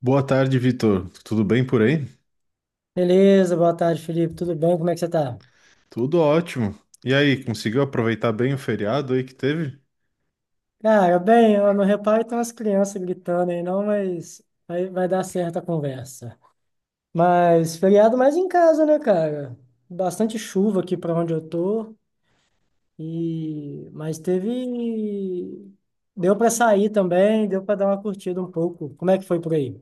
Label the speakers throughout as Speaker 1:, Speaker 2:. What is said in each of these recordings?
Speaker 1: Boa tarde, Vitor. Tudo bem por aí?
Speaker 2: Beleza, boa tarde, Felipe. Tudo bem? Como é que você tá?
Speaker 1: Tudo ótimo. E aí, conseguiu aproveitar bem o feriado aí que teve?
Speaker 2: Cara, bem, eu não reparo tem umas crianças gritando aí, não, mas vai dar certo a conversa. Mas feriado mais em casa, né, cara? Bastante chuva aqui pra onde eu tô e mas teve deu pra sair também, deu pra dar uma curtida um pouco. Como é que foi por aí?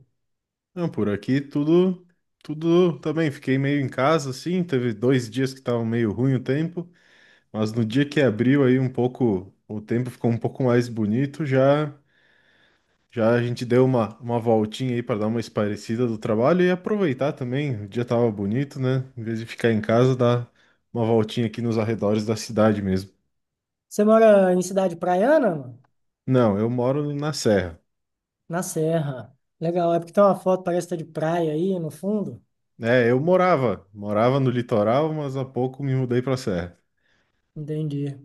Speaker 1: Não, por aqui tudo, tudo também. Fiquei meio em casa, assim. Teve dois dias que estavam meio ruim o tempo, mas no dia que abriu aí um pouco, o tempo ficou um pouco mais bonito. Já a gente deu uma voltinha aí para dar uma esparecida do trabalho e aproveitar também. O dia tava bonito, né? Em vez de ficar em casa, dar uma voltinha aqui nos arredores da cidade mesmo.
Speaker 2: Você mora em cidade praiana, mano?
Speaker 1: Não, eu moro na Serra.
Speaker 2: Na Serra. Legal, é porque tem uma foto, parece que tá de praia aí no fundo.
Speaker 1: É, morava no litoral, mas há pouco me mudei pra serra.
Speaker 2: Entendi.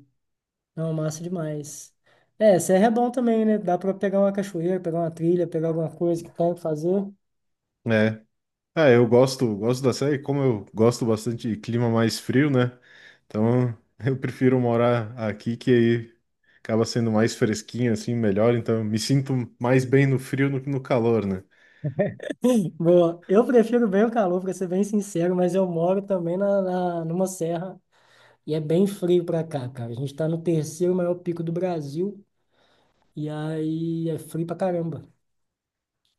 Speaker 2: Não, massa demais. É, serra é bom também, né? Dá pra pegar uma cachoeira, pegar uma trilha, pegar alguma coisa que tem que fazer.
Speaker 1: É. Ah, gosto da serra e como eu gosto bastante de clima mais frio, né? Então, eu prefiro morar aqui que aí acaba sendo mais fresquinho assim, melhor, então eu me sinto mais bem no frio do que no calor, né?
Speaker 2: Boa, eu prefiro bem o calor, pra ser bem sincero, mas eu moro também numa serra e é bem frio pra cá, cara. A gente tá no terceiro maior pico do Brasil e aí é frio pra caramba.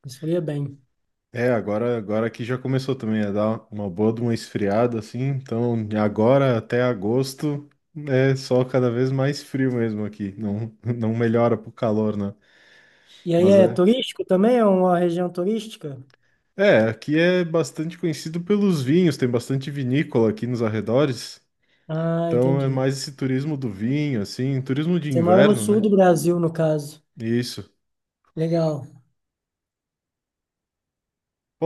Speaker 2: Esfria bem.
Speaker 1: É, agora aqui já começou também a dar uma boa de uma esfriada, assim. Então, de agora até agosto é só cada vez mais frio mesmo aqui. Não, não melhora pro calor, né?
Speaker 2: E aí
Speaker 1: Mas
Speaker 2: é
Speaker 1: é.
Speaker 2: turístico também? É uma região turística?
Speaker 1: É, aqui é bastante conhecido pelos vinhos, tem bastante vinícola aqui nos arredores.
Speaker 2: Ah,
Speaker 1: Então é
Speaker 2: entendi.
Speaker 1: mais esse turismo do vinho, assim, turismo de
Speaker 2: Você mora no
Speaker 1: inverno,
Speaker 2: sul
Speaker 1: né?
Speaker 2: do Brasil, no caso.
Speaker 1: Isso.
Speaker 2: Legal.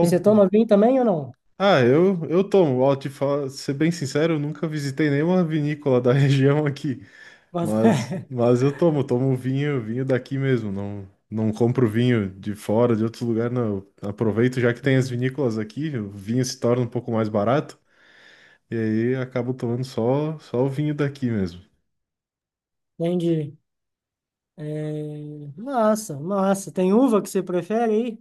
Speaker 2: E você toma vinho também ou não?
Speaker 1: ah, eu tomo, ó, te falar, ser bem sincero, eu nunca visitei nenhuma vinícola da região aqui.
Speaker 2: Bota.
Speaker 1: Mas eu tomo vinho, vinho daqui mesmo, não, não compro vinho de fora, de outros lugares, não. Eu aproveito já que tem as vinícolas aqui, o vinho se torna um pouco mais barato, e aí acabo tomando só o vinho daqui mesmo.
Speaker 2: Entendi. É, massa, massa. Tem uva que você prefere aí?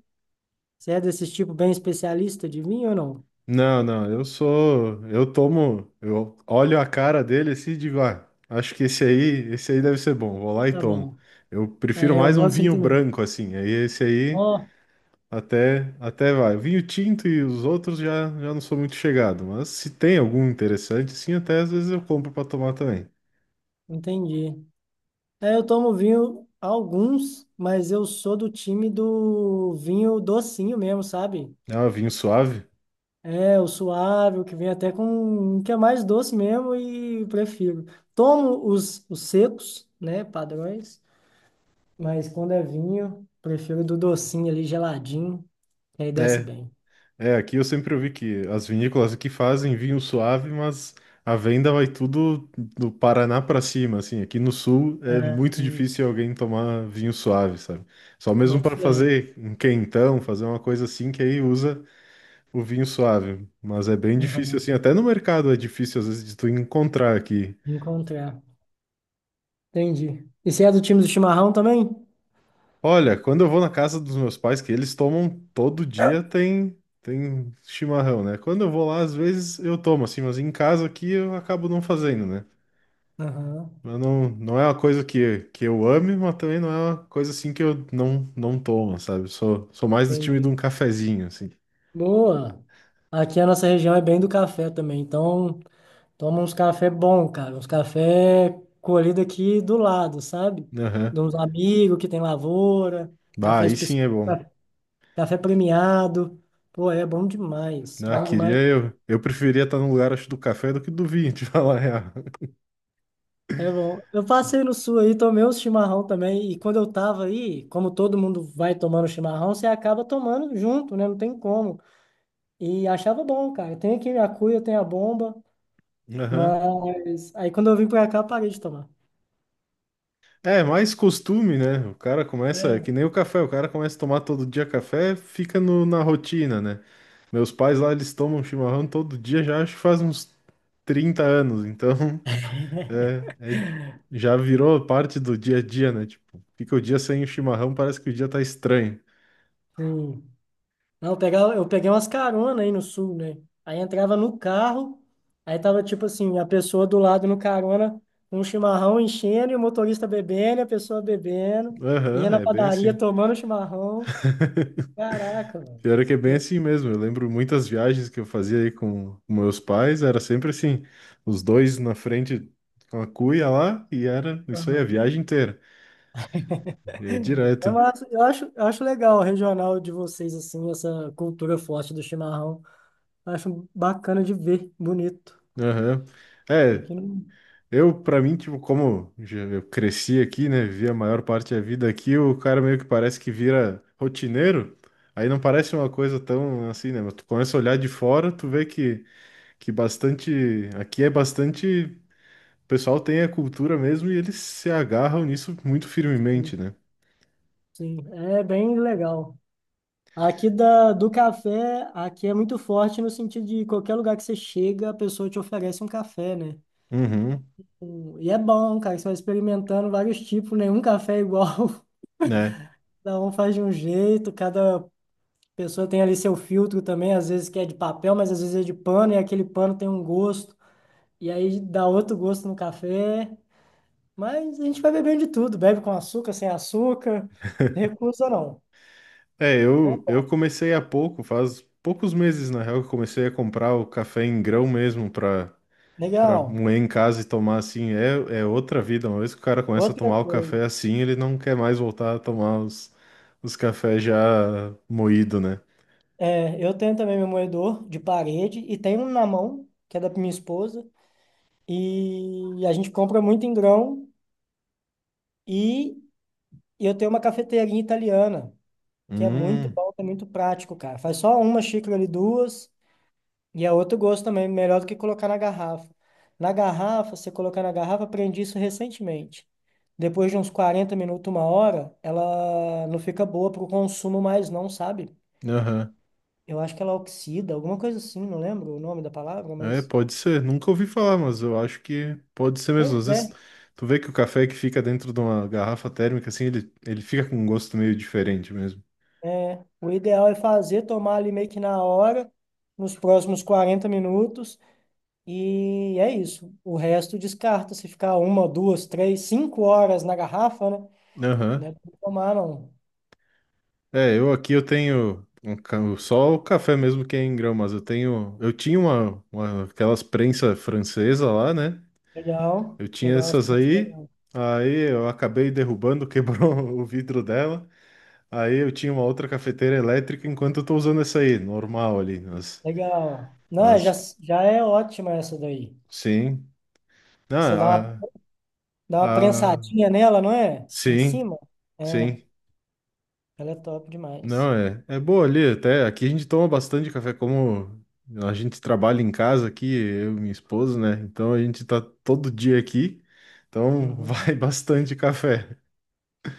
Speaker 2: Você é desses tipo bem especialista de vinho ou não?
Speaker 1: Não, não, eu tomo, eu olho a cara dele assim e digo, ah, acho que esse aí deve ser bom, vou lá e
Speaker 2: Tá
Speaker 1: tomo.
Speaker 2: bom.
Speaker 1: Eu prefiro
Speaker 2: É, eu
Speaker 1: mais
Speaker 2: vou
Speaker 1: um
Speaker 2: assim
Speaker 1: vinho
Speaker 2: também.
Speaker 1: branco assim, aí esse aí.
Speaker 2: Ó,
Speaker 1: Até vai. O vinho tinto e os outros já não sou muito chegado, mas se tem algum interessante, sim, até às vezes eu compro para tomar também.
Speaker 2: entendi. É, eu tomo vinho alguns, mas eu sou do time do vinho docinho mesmo, sabe?
Speaker 1: Ah, vinho suave?
Speaker 2: É, o suave, o que vem até com, que é mais doce mesmo e prefiro. Tomo os secos, né, padrões, mas quando é vinho, prefiro do docinho ali, geladinho. E aí desce
Speaker 1: É,
Speaker 2: bem.
Speaker 1: aqui eu sempre ouvi que as vinícolas aqui fazem vinho suave, mas a venda vai tudo do Paraná para cima, assim. Aqui no sul é
Speaker 2: Ah,
Speaker 1: muito difícil alguém tomar vinho suave, sabe? Só mesmo
Speaker 2: boto
Speaker 1: para
Speaker 2: fé.
Speaker 1: fazer um quentão, fazer uma coisa assim, que aí usa o vinho suave. Mas é bem difícil,
Speaker 2: Aham.
Speaker 1: assim, até no mercado é difícil às vezes de tu encontrar aqui.
Speaker 2: Encontrar. Entendi. E você é do time do chimarrão também?
Speaker 1: Olha, quando eu vou na casa dos meus pais, que eles tomam todo dia, tem chimarrão, né? Quando eu vou lá, às vezes eu tomo assim, mas em casa aqui eu acabo não fazendo, né?
Speaker 2: Aham,
Speaker 1: Mas não, não é uma coisa que eu ame, mas também não é uma coisa assim que eu não tomo, sabe? Sou mais do time de
Speaker 2: entendi.
Speaker 1: um cafezinho, assim.
Speaker 2: Boa. Aqui a nossa região é bem do café também, então toma uns café bom, cara, uns café colhido aqui do lado, sabe?
Speaker 1: Aham.
Speaker 2: De uns amigos que tem lavoura,
Speaker 1: Bah,
Speaker 2: café
Speaker 1: aí sim
Speaker 2: especial,
Speaker 1: é bom.
Speaker 2: café premiado. Pô, é bom demais,
Speaker 1: Ah,
Speaker 2: bom
Speaker 1: queria
Speaker 2: demais.
Speaker 1: eu. Eu preferia estar no lugar, acho, do café do que do vinho, te falar a real.
Speaker 2: É bom. Eu passei no sul aí, tomei uns chimarrão também. E quando eu tava aí, como todo mundo vai tomando chimarrão, você acaba tomando junto, né? Não tem como. E achava bom, cara. Tem aqui a cuia, tem a bomba,
Speaker 1: Aham.
Speaker 2: mas aí quando eu vim pra cá, eu parei de tomar.
Speaker 1: É, mais costume, né? O cara começa, é
Speaker 2: É,
Speaker 1: que nem o café, o cara começa a tomar todo dia café, fica na rotina, né? Meus pais lá, eles tomam chimarrão todo dia, já acho que faz uns 30 anos, então é, é- já virou parte do dia a dia, né? Tipo, fica o dia sem o chimarrão, parece que o dia tá estranho.
Speaker 2: sim. Não, eu pegava, eu peguei umas caronas aí no sul, né? Aí entrava no carro, aí tava tipo assim, a pessoa do lado no carona, um chimarrão enchendo e o motorista bebendo, e a pessoa bebendo, ia
Speaker 1: Aham,
Speaker 2: na
Speaker 1: é bem
Speaker 2: padaria
Speaker 1: assim.
Speaker 2: tomando chimarrão. Caraca, mano.
Speaker 1: Pior é que é bem assim mesmo. Eu lembro muitas viagens que eu fazia aí com meus pais, era sempre assim, os dois na frente com a cuia lá, e era isso aí a
Speaker 2: Aham.
Speaker 1: viagem inteira. E é
Speaker 2: É
Speaker 1: direto.
Speaker 2: massa. Eu acho legal o regional de vocês, assim, essa cultura forte do chimarrão. Acho bacana de ver, bonito.
Speaker 1: Aham. É,
Speaker 2: Aqui não.
Speaker 1: eu, pra mim, tipo, eu cresci aqui, né, vivi a maior parte da vida aqui, o cara meio que parece que vira rotineiro. Aí não parece uma coisa tão assim, né? Mas tu começa a olhar de fora, tu vê que bastante. Aqui é bastante. O pessoal tem a cultura mesmo e eles se agarram nisso muito firmemente, né?
Speaker 2: Sim, é bem legal. Aqui do café, aqui é muito forte no sentido de qualquer lugar que você chega, a pessoa te oferece um café, né?
Speaker 1: Uhum,
Speaker 2: E é bom, cara, que você vai experimentando vários tipos, nenhum café é igual.
Speaker 1: né?
Speaker 2: Cada um faz de um jeito, cada a pessoa tem ali seu filtro também, às vezes que é de papel, mas às vezes é de pano, e aquele pano tem um gosto, e aí dá outro gosto no café. Mas a gente vai bebendo de tudo, bebe com açúcar, sem açúcar, recusa não.
Speaker 1: É,
Speaker 2: É,
Speaker 1: eu comecei há pouco, faz poucos meses, na real, que eu comecei a comprar o café em grão mesmo para para
Speaker 2: legal.
Speaker 1: moer em casa e tomar assim. É, é outra vida. Uma vez que o cara começa a
Speaker 2: Outra
Speaker 1: tomar o
Speaker 2: coisa,
Speaker 1: café assim, ele não quer mais voltar a tomar os cafés já moído, né?
Speaker 2: é, eu tenho também meu moedor de parede e tenho um na mão, que é da minha esposa, e a gente compra muito em grão e eu tenho uma cafeteirinha italiana, que é muito
Speaker 1: Hum,
Speaker 2: bom, é muito prático, cara. Faz só uma xícara ali, duas. E é outro gosto também, melhor do que colocar na garrafa. Na garrafa, você colocar na garrafa, aprendi isso recentemente. Depois de uns 40 minutos, uma hora, ela não fica boa para o consumo mais não, sabe?
Speaker 1: aham.
Speaker 2: Eu acho que ela oxida, alguma coisa assim, não lembro o nome da palavra,
Speaker 1: É,
Speaker 2: mas...
Speaker 1: pode ser. Nunca ouvi falar, mas eu acho que pode ser mesmo. Às
Speaker 2: Pois
Speaker 1: vezes,
Speaker 2: é,
Speaker 1: tu vê que o café que fica dentro de uma garrafa térmica, assim, ele fica com um gosto meio diferente mesmo.
Speaker 2: é, o ideal é fazer, tomar ali meio que na hora, nos próximos 40 minutos, e é isso. O resto descarta, se ficar uma, duas, três, cinco horas na garrafa, né? Não
Speaker 1: Aham.
Speaker 2: é pra tomar, não.
Speaker 1: É, eu tenho um só o café mesmo que é em grão, mas eu tenho. Eu tinha aquelas prensa francesa lá, né?
Speaker 2: Legal,
Speaker 1: Eu tinha
Speaker 2: legal, essa
Speaker 1: essas
Speaker 2: conversa é
Speaker 1: aí,
Speaker 2: legal.
Speaker 1: aí eu acabei derrubando, quebrou o vidro dela. Aí eu tinha uma outra cafeteira elétrica enquanto eu tô usando essa aí, normal ali,
Speaker 2: Legal. Não, é, já,
Speaker 1: mas
Speaker 2: já é ótima essa daí.
Speaker 1: sim.
Speaker 2: Você dá uma,
Speaker 1: Ah,
Speaker 2: dá uma
Speaker 1: ah,
Speaker 2: prensadinha nela, não é? Em
Speaker 1: sim,
Speaker 2: cima? É,
Speaker 1: sim.
Speaker 2: ela é top demais.
Speaker 1: Não, é boa ali, até aqui a gente toma bastante café, como a gente trabalha em casa aqui, eu e minha esposa, né? Então a gente tá todo dia aqui, então
Speaker 2: Uhum.
Speaker 1: vai bastante café.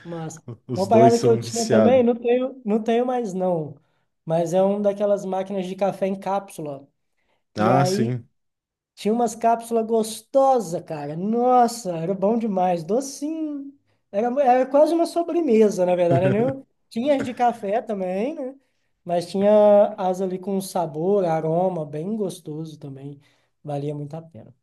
Speaker 2: Mas
Speaker 1: Os
Speaker 2: uma
Speaker 1: dois
Speaker 2: parada que eu
Speaker 1: são
Speaker 2: tinha também,
Speaker 1: viciados.
Speaker 2: não tenho, não tenho mais não, mas é uma daquelas máquinas de café em cápsula. E
Speaker 1: Ah,
Speaker 2: aí
Speaker 1: sim.
Speaker 2: tinha umas cápsulas gostosas, cara. Nossa, era bom demais. Docinho. Era, era quase uma sobremesa, na verdade, né? Tinha as de café também, né? Mas tinha as ali com sabor, aroma, bem gostoso também. Valia muito a pena.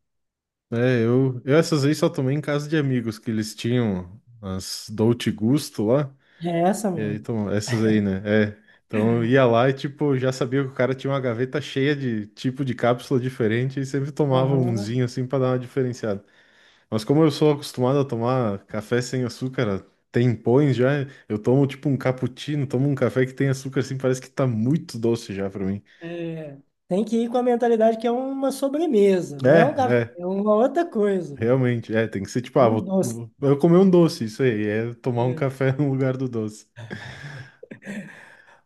Speaker 1: É, eu essas aí só tomei em casa de amigos, que eles tinham as Dolce Gusto lá.
Speaker 2: É essa
Speaker 1: E aí,
Speaker 2: mesmo.
Speaker 1: então, essas aí, né? É. Então eu ia lá e, tipo, já sabia que o cara tinha uma gaveta cheia de tipo de cápsula diferente e sempre tomava
Speaker 2: Aham.
Speaker 1: umzinho assim pra dar uma diferenciada. Mas como eu sou acostumado a tomar café sem açúcar, tem pões já, eu tomo tipo um cappuccino, tomo um café que tem açúcar assim, parece que tá muito doce já pra mim.
Speaker 2: É, tem que ir com a mentalidade que é uma sobremesa, não
Speaker 1: É,
Speaker 2: é um café,
Speaker 1: é,
Speaker 2: é uma outra coisa, velho.
Speaker 1: realmente, é, tem que ser tipo,
Speaker 2: É
Speaker 1: ah,
Speaker 2: um doce.
Speaker 1: vou eu comer um doce, isso aí, é tomar um
Speaker 2: É.
Speaker 1: café no lugar do doce.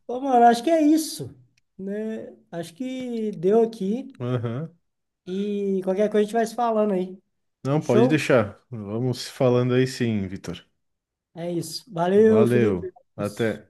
Speaker 2: Ô, mano, acho que é isso, né? Acho que deu aqui.
Speaker 1: Aham.
Speaker 2: E qualquer coisa a gente vai se falando aí.
Speaker 1: Não, pode
Speaker 2: Show?
Speaker 1: deixar. Vamos falando aí sim, Vitor.
Speaker 2: É isso. Valeu,
Speaker 1: Valeu.
Speaker 2: Felipe.
Speaker 1: Até.